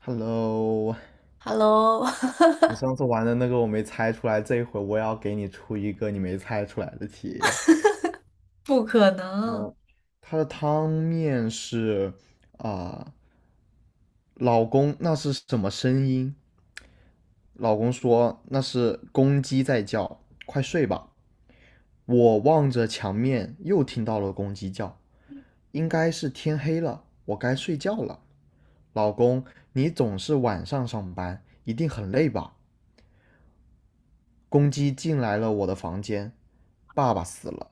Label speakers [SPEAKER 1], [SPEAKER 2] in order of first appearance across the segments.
[SPEAKER 1] Hello，
[SPEAKER 2] Hello，
[SPEAKER 1] 你 上次玩的那个我没猜出来，这一回我也要给你出一个你没猜出来的题。
[SPEAKER 2] 不可能。
[SPEAKER 1] 它的汤面是啊、呃老公那是什么声音？老公说那是公鸡在叫，快睡吧。我望着墙面，又听到了公鸡叫，应该是天黑了，我该睡觉了。老公，你总是晚上上班，一定很累吧？公鸡进来了我的房间，爸爸死了，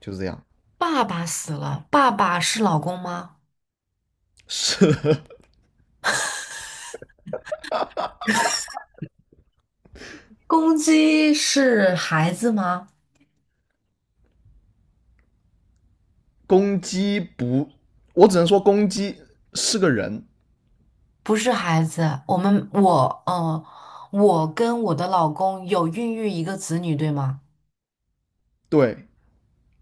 [SPEAKER 1] 就是这样。
[SPEAKER 2] 爸爸死了，爸爸是老公吗？
[SPEAKER 1] 是
[SPEAKER 2] 公鸡是孩子吗？
[SPEAKER 1] 公鸡不，我只能说公鸡是个人。
[SPEAKER 2] 不是孩子。我我跟我的老公有孕育一个子女，对吗？
[SPEAKER 1] 对，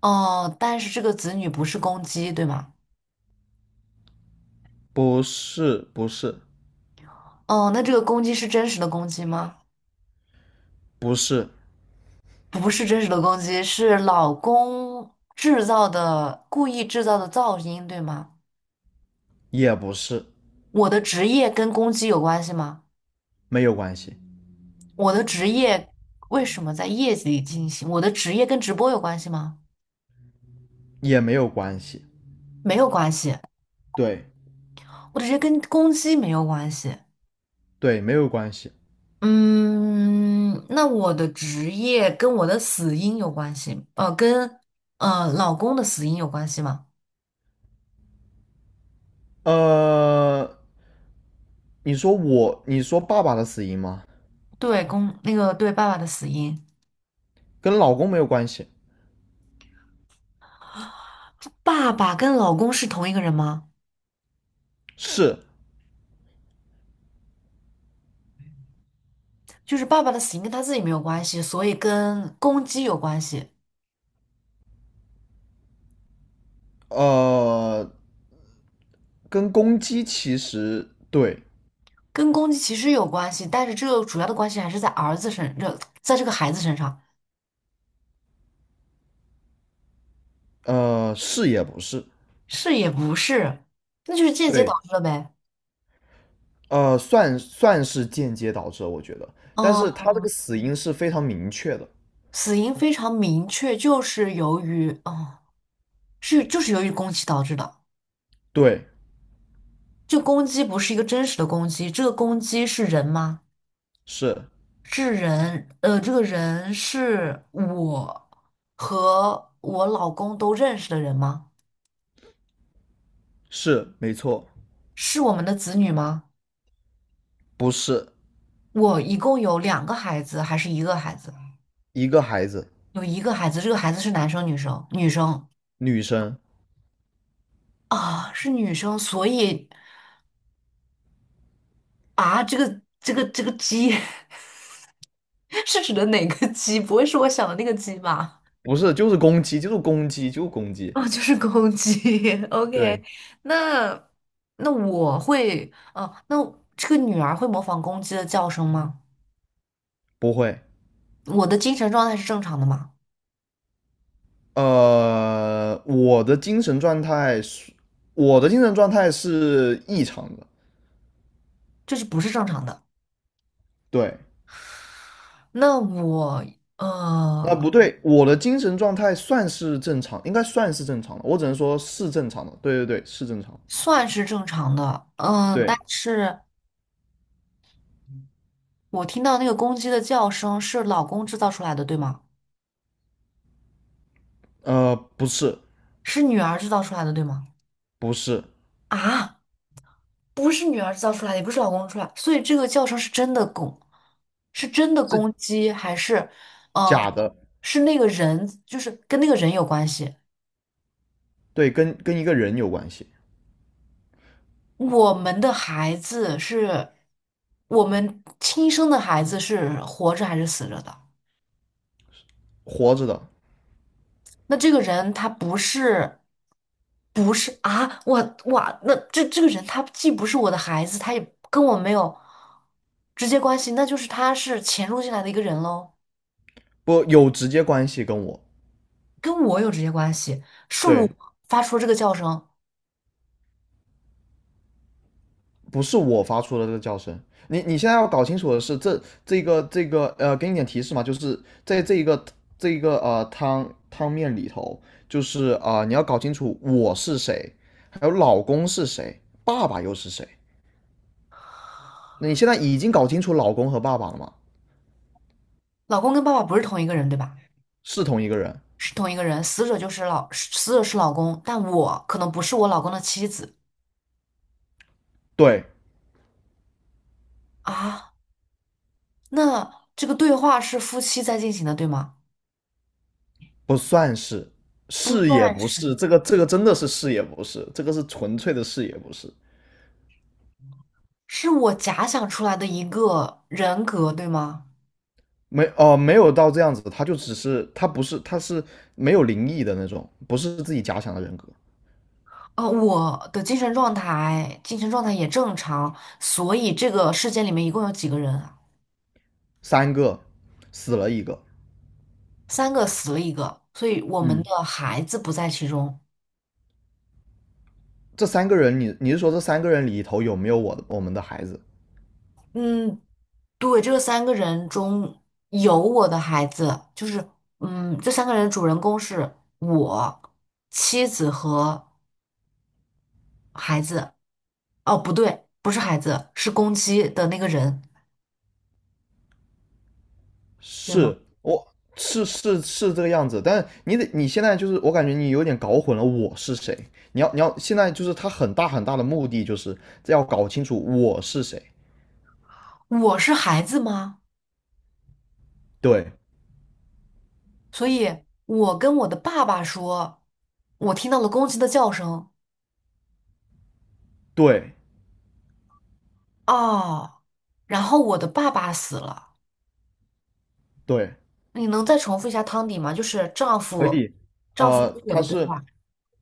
[SPEAKER 2] 哦，但是这个子女不是公鸡，对吗？
[SPEAKER 1] 不是，不是，
[SPEAKER 2] 哦，那这个公鸡是真实的公鸡吗？
[SPEAKER 1] 不是，
[SPEAKER 2] 不是真实的公鸡，是老公制造的，故意制造的噪音，对吗？
[SPEAKER 1] 也不是，
[SPEAKER 2] 我的职业跟公鸡有关系吗？
[SPEAKER 1] 没有关系，
[SPEAKER 2] 我的职业为什么在业绩里进行？我的职业跟直播有关系吗？
[SPEAKER 1] 也没有关系，
[SPEAKER 2] 没有关系。
[SPEAKER 1] 对，
[SPEAKER 2] 我的职业跟攻击没有关系。
[SPEAKER 1] 对，没有关系。
[SPEAKER 2] 嗯，那我的职业跟我的死因有关系，跟老公的死因有关系吗？
[SPEAKER 1] 呃，你说我，你说爸爸的死因吗？
[SPEAKER 2] 对，公那个对爸爸的死因。
[SPEAKER 1] 跟老公没有关系。
[SPEAKER 2] 爸爸跟老公是同一个人吗？
[SPEAKER 1] 是，
[SPEAKER 2] 就是爸爸的死因跟他自己没有关系，所以跟公鸡有关系。
[SPEAKER 1] 呃，跟公鸡其实对。
[SPEAKER 2] 跟公鸡其实有关系，但是这个主要的关系还是在儿子身，这在这个孩子身上。
[SPEAKER 1] 是也不是。
[SPEAKER 2] 是也不是。那就是间接导
[SPEAKER 1] 对，
[SPEAKER 2] 致了呗。
[SPEAKER 1] 算是间接导致了，我觉得，但
[SPEAKER 2] 嗯。
[SPEAKER 1] 是他这个死因是非常明确的。
[SPEAKER 2] 死因非常明确，就是由于，就是由于攻击导致的。
[SPEAKER 1] 对，
[SPEAKER 2] 这攻击不是一个真实的攻击，这个攻击是人吗？
[SPEAKER 1] 是
[SPEAKER 2] 是人，这个人是我和我老公都认识的人吗？
[SPEAKER 1] 是没错，
[SPEAKER 2] 是我们的子女吗？
[SPEAKER 1] 不是
[SPEAKER 2] 我一共有两个孩子，还是一个孩子？
[SPEAKER 1] 一个孩子，
[SPEAKER 2] 有一个孩子，这个孩子是男生女生？女生
[SPEAKER 1] 女生，
[SPEAKER 2] 啊，是女生，所以。啊，这个鸡 是指的哪个鸡？不会是我想的那个鸡吧？
[SPEAKER 1] 不是就是攻击，就是攻击，就是攻击。
[SPEAKER 2] 哦，就是公鸡。OK。
[SPEAKER 1] 对，
[SPEAKER 2] 那那我会，啊，那这个女儿会模仿公鸡的叫声吗？
[SPEAKER 1] 不会。
[SPEAKER 2] 我的精神状态是正常的吗？
[SPEAKER 1] 我的精神状态是，我的精神状态是异常的。
[SPEAKER 2] 这是不是正常的？
[SPEAKER 1] 对，
[SPEAKER 2] 那我
[SPEAKER 1] 啊，
[SPEAKER 2] 呃
[SPEAKER 1] 不对，我的精神状态算是正常，应该算是正常的。我只能说是正常的。对对对，是正常的。
[SPEAKER 2] 算是正常的，嗯，但
[SPEAKER 1] 对，
[SPEAKER 2] 是我听到那个公鸡的叫声是老公制造出来的，对吗？
[SPEAKER 1] 不是，
[SPEAKER 2] 是女儿制造出来的，对吗？
[SPEAKER 1] 不是，
[SPEAKER 2] 啊，不是女儿造出来的，也不是老公出来，所以这个叫声是真的攻，是真的
[SPEAKER 1] 是
[SPEAKER 2] 攻击，还是，嗯、呃
[SPEAKER 1] 假的。
[SPEAKER 2] 是那个人，就是跟那个人有关系。
[SPEAKER 1] 对，跟一个人有关系，
[SPEAKER 2] 我们的孩子是，我们亲生的孩子是活着还是死了的？
[SPEAKER 1] 活着的
[SPEAKER 2] 那这个人他不是，不是啊，我哇，那这个人他既不是我的孩子，他也跟我没有直接关系，那就是他是潜入进来的一个人喽。
[SPEAKER 1] 不有直接关系跟我。
[SPEAKER 2] 跟我有直接关系，是我
[SPEAKER 1] 对，
[SPEAKER 2] 发出这个叫声。
[SPEAKER 1] 不是我发出的这个叫声。你现在要搞清楚的是，这个，给你点提示嘛，就是在这一个这一个汤面里头，就是你要搞清楚我是谁，还有老公是谁，爸爸又是谁。那你现在已经搞清楚老公和爸爸了吗？
[SPEAKER 2] 老公跟爸爸不是同一个人，对吧？
[SPEAKER 1] 是同一个人。
[SPEAKER 2] 是同一个人，死者就是老，死者是老公，但我可能不是我老公的妻子
[SPEAKER 1] 对，
[SPEAKER 2] 啊。那这个对话是夫妻在进行的，对吗？
[SPEAKER 1] 不算是，
[SPEAKER 2] 不
[SPEAKER 1] 是也
[SPEAKER 2] 算
[SPEAKER 1] 不是，
[SPEAKER 2] 是。
[SPEAKER 1] 这个这个真的是是也不是，这个是纯粹的是也不是。
[SPEAKER 2] 是我假想出来的一个人格，对吗？
[SPEAKER 1] 没有到这样子，他就只是他不是他是没有灵异的那种，不是自己假想的人格。
[SPEAKER 2] 我的精神状态，精神状态也正常，所以这个事件里面一共有几个人啊？
[SPEAKER 1] 三个死了一个。
[SPEAKER 2] 三个死了一个，所以我们
[SPEAKER 1] 嗯，
[SPEAKER 2] 的孩子不在其中。
[SPEAKER 1] 这三个人你是说这三个人里头有没有我们的孩子？
[SPEAKER 2] 嗯，对，这三个人中有我的孩子，就是嗯，这三个人的主人公是我、妻子和孩子。哦，不对，不是孩子，是公鸡的那个人，对吗？
[SPEAKER 1] 是我是是是这个样子，但你得你现在就是我感觉你有点搞混了我是谁，你要现在就是他很大的目的就是要搞清楚我是谁。
[SPEAKER 2] 我是孩子吗？
[SPEAKER 1] 对
[SPEAKER 2] 所以，我跟我的爸爸说，我听到了公鸡的叫声，
[SPEAKER 1] 对
[SPEAKER 2] 哦，然后我的爸爸死了。
[SPEAKER 1] 对，
[SPEAKER 2] 你能再重复一下汤底吗？就是丈
[SPEAKER 1] 可
[SPEAKER 2] 夫，
[SPEAKER 1] 以。
[SPEAKER 2] 丈夫跟我
[SPEAKER 1] 他
[SPEAKER 2] 的对
[SPEAKER 1] 是
[SPEAKER 2] 话。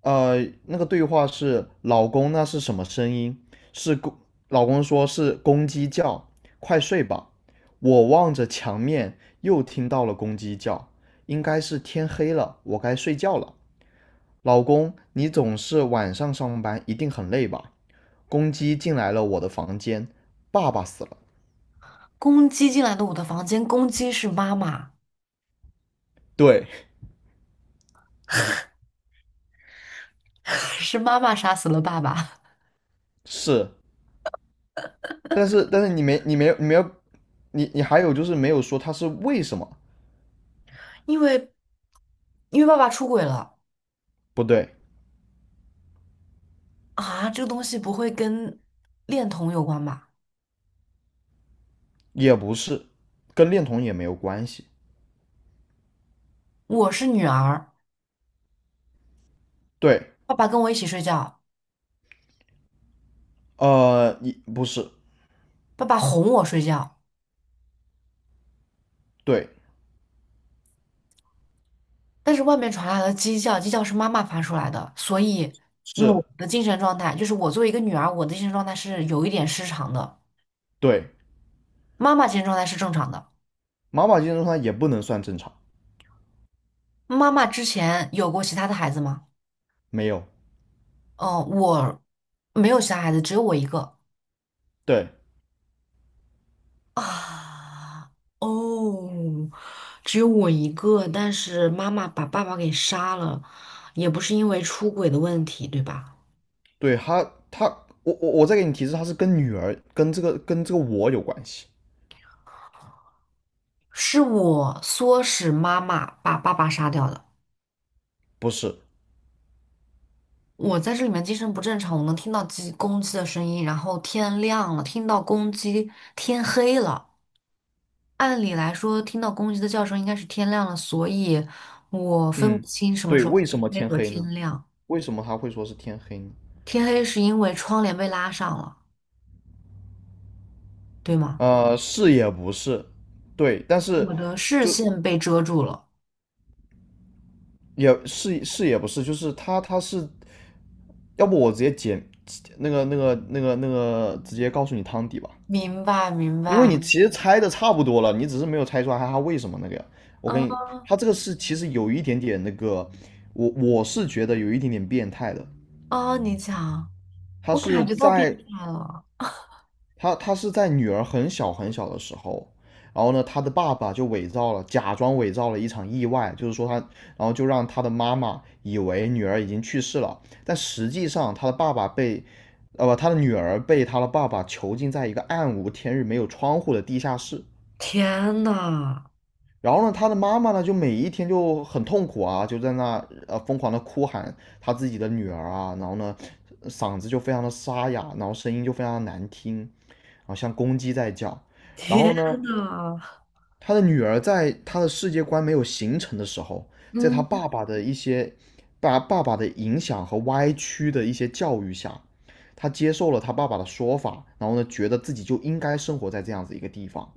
[SPEAKER 1] 呃，那个对话是老公，那是什么声音？是公，老公说是公鸡叫，快睡吧。我望着墙面，又听到了公鸡叫，应该是天黑了，我该睡觉了。老公，你总是晚上上班，一定很累吧？公鸡进来了我的房间，爸爸死了。
[SPEAKER 2] 公鸡进来的我的房间，公鸡是妈妈，
[SPEAKER 1] 对，
[SPEAKER 2] 是妈妈杀死了爸爸。
[SPEAKER 1] 是但是你没你没有你没有你你还有就是没有说它是为什么
[SPEAKER 2] 因为因为爸爸出轨了。
[SPEAKER 1] 不对，
[SPEAKER 2] 啊，这个东西不会跟恋童有关吧？
[SPEAKER 1] 也不是，跟恋童也没有关系。
[SPEAKER 2] 我是女儿，
[SPEAKER 1] 对，
[SPEAKER 2] 爸爸跟我一起睡觉，
[SPEAKER 1] 你不是。
[SPEAKER 2] 爸爸哄我睡觉，
[SPEAKER 1] 对，
[SPEAKER 2] 但是外面传来了鸡叫，鸡叫是妈妈发出来的，所以
[SPEAKER 1] 是，
[SPEAKER 2] 我的精神状态就是我作为一个女儿，我的精神状态是有一点失常的，
[SPEAKER 1] 对，
[SPEAKER 2] 妈妈精神状态是正常的。
[SPEAKER 1] 妈宝金状它也不能算正常，
[SPEAKER 2] 妈妈之前有过其他的孩子吗？
[SPEAKER 1] 没有，
[SPEAKER 2] 嗯，我没有其他孩子，只有我一个。
[SPEAKER 1] 对，
[SPEAKER 2] 啊，哦，只有我一个，但是妈妈把爸爸给杀了，也不是因为出轨的问题，对吧？
[SPEAKER 1] 对，他他我我再给你提示，他是跟女儿跟这个跟这个我有关系，
[SPEAKER 2] 是我唆使妈妈把爸爸杀掉的。
[SPEAKER 1] 不是，
[SPEAKER 2] 我在这里面精神不正常，我能听到鸡公鸡的声音，然后天亮了，听到公鸡，天黑了。按理来说，听到公鸡的叫声应该是天亮了，所以我分不
[SPEAKER 1] 嗯，
[SPEAKER 2] 清什么
[SPEAKER 1] 对，
[SPEAKER 2] 时候
[SPEAKER 1] 为
[SPEAKER 2] 天
[SPEAKER 1] 什么
[SPEAKER 2] 黑
[SPEAKER 1] 天
[SPEAKER 2] 和
[SPEAKER 1] 黑
[SPEAKER 2] 天
[SPEAKER 1] 呢？
[SPEAKER 2] 亮。
[SPEAKER 1] 为什么他会说是天黑呢？
[SPEAKER 2] 天黑是因为窗帘被拉上了，对吗？
[SPEAKER 1] 是也不是，对，但是
[SPEAKER 2] 我的视线被遮住了。
[SPEAKER 1] 也是是也不是，就是他是要不我直接剪那个直接告诉你汤底吧，
[SPEAKER 2] 明白，明
[SPEAKER 1] 因为你
[SPEAKER 2] 白。
[SPEAKER 1] 其实猜的差不多了，你只是没有猜出来他为什么那个呀。我
[SPEAKER 2] 啊
[SPEAKER 1] 跟你，他这个是其实有一点点那个，我是觉得有一点点变态的。
[SPEAKER 2] 啊！你讲，
[SPEAKER 1] 他
[SPEAKER 2] 我
[SPEAKER 1] 是
[SPEAKER 2] 感觉到变
[SPEAKER 1] 在
[SPEAKER 2] 态了。
[SPEAKER 1] 他是在女儿很小的时候，然后呢，他的爸爸就伪造了，假装伪造了一场意外，就是说他，然后就让他的妈妈以为女儿已经去世了，但实际上他的爸爸被，呃不，他的女儿被他的爸爸囚禁在一个暗无天日、没有窗户的地下室。
[SPEAKER 2] 天呐，
[SPEAKER 1] 然后呢，他的妈妈呢，就每一天就很痛苦啊，就在那疯狂的哭喊他自己的女儿啊，然后呢，嗓子就非常的沙哑，然后声音就非常的难听，好像公鸡在叫。然后
[SPEAKER 2] 天
[SPEAKER 1] 呢，
[SPEAKER 2] 呐！
[SPEAKER 1] 他的女儿在他的世界观没有形成的时候，在他
[SPEAKER 2] 嗯
[SPEAKER 1] 爸爸的一些爸爸的影响和歪曲的一些教育下，他接受了他爸爸的说法，然后呢，觉得自己就应该生活在这样子一个地方。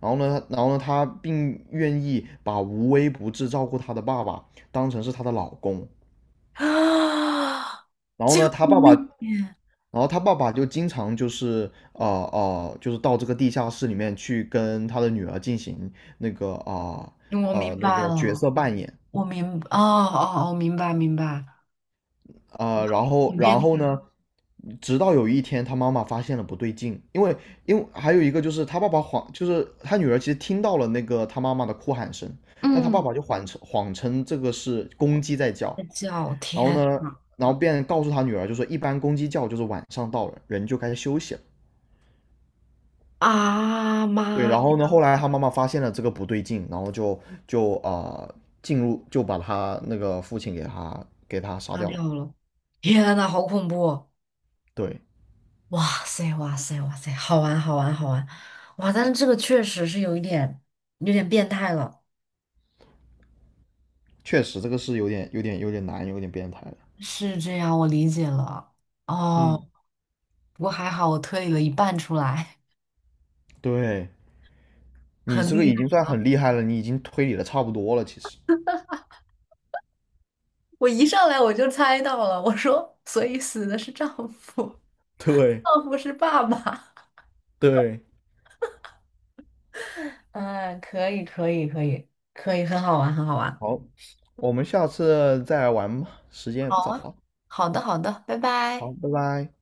[SPEAKER 1] 然后呢，他并愿意把无微不至照顾他的爸爸当成是他的老公。
[SPEAKER 2] 啊，
[SPEAKER 1] 然后
[SPEAKER 2] 救
[SPEAKER 1] 呢，他爸爸
[SPEAKER 2] 命！
[SPEAKER 1] 就经常就是就是到这个地下室里面去跟他的女儿进行那个
[SPEAKER 2] 我明
[SPEAKER 1] 那
[SPEAKER 2] 白
[SPEAKER 1] 个角
[SPEAKER 2] 了，
[SPEAKER 1] 色扮演
[SPEAKER 2] 我明，哦哦，啊！明白，明白。
[SPEAKER 1] 然后
[SPEAKER 2] 你变
[SPEAKER 1] 然
[SPEAKER 2] 态。
[SPEAKER 1] 后呢，直到有一天他妈妈发现了不对劲，因为还有一个就是他爸爸谎，就是他女儿其实听到了那个他妈妈的哭喊声，但他爸
[SPEAKER 2] 嗯，
[SPEAKER 1] 爸就谎称这个是公鸡在叫，
[SPEAKER 2] 在叫
[SPEAKER 1] 然后
[SPEAKER 2] 天
[SPEAKER 1] 呢，然后便告诉他女儿就说一般公鸡叫就是晚上到了，人就该休息了。
[SPEAKER 2] 啊
[SPEAKER 1] 对，
[SPEAKER 2] 妈，
[SPEAKER 1] 然后呢，后来他妈妈发现了这个不对劲，然后就进入就把他那个父亲给他杀
[SPEAKER 2] 擦
[SPEAKER 1] 掉了。
[SPEAKER 2] 掉了！天呐，好恐怖！
[SPEAKER 1] 对，
[SPEAKER 2] 哇塞，哇塞，哇塞，好玩，好玩，好玩，哇！但是这个确实是有一点，有点变态了。
[SPEAKER 1] 确实这个是有点有点难，有点变态的。
[SPEAKER 2] 是这样，我理解了。哦，
[SPEAKER 1] 嗯，
[SPEAKER 2] 不过还好我推理了一半出来。
[SPEAKER 1] 对，你
[SPEAKER 2] 很
[SPEAKER 1] 这个
[SPEAKER 2] 厉
[SPEAKER 1] 已
[SPEAKER 2] 害。
[SPEAKER 1] 经算很厉害了，你已经推理的差不多了，其实。
[SPEAKER 2] 我一上来我就猜到了，我说，所以死的是丈夫，
[SPEAKER 1] 对
[SPEAKER 2] 丈夫是爸爸。
[SPEAKER 1] 对，
[SPEAKER 2] 嗯，可以，可以，可以，可以，很好玩，很好玩。
[SPEAKER 1] 好，我们下次再来玩吧，时间也
[SPEAKER 2] 好
[SPEAKER 1] 不早
[SPEAKER 2] 啊，
[SPEAKER 1] 了。
[SPEAKER 2] 好的，好的，拜
[SPEAKER 1] 好，
[SPEAKER 2] 拜。
[SPEAKER 1] 拜拜。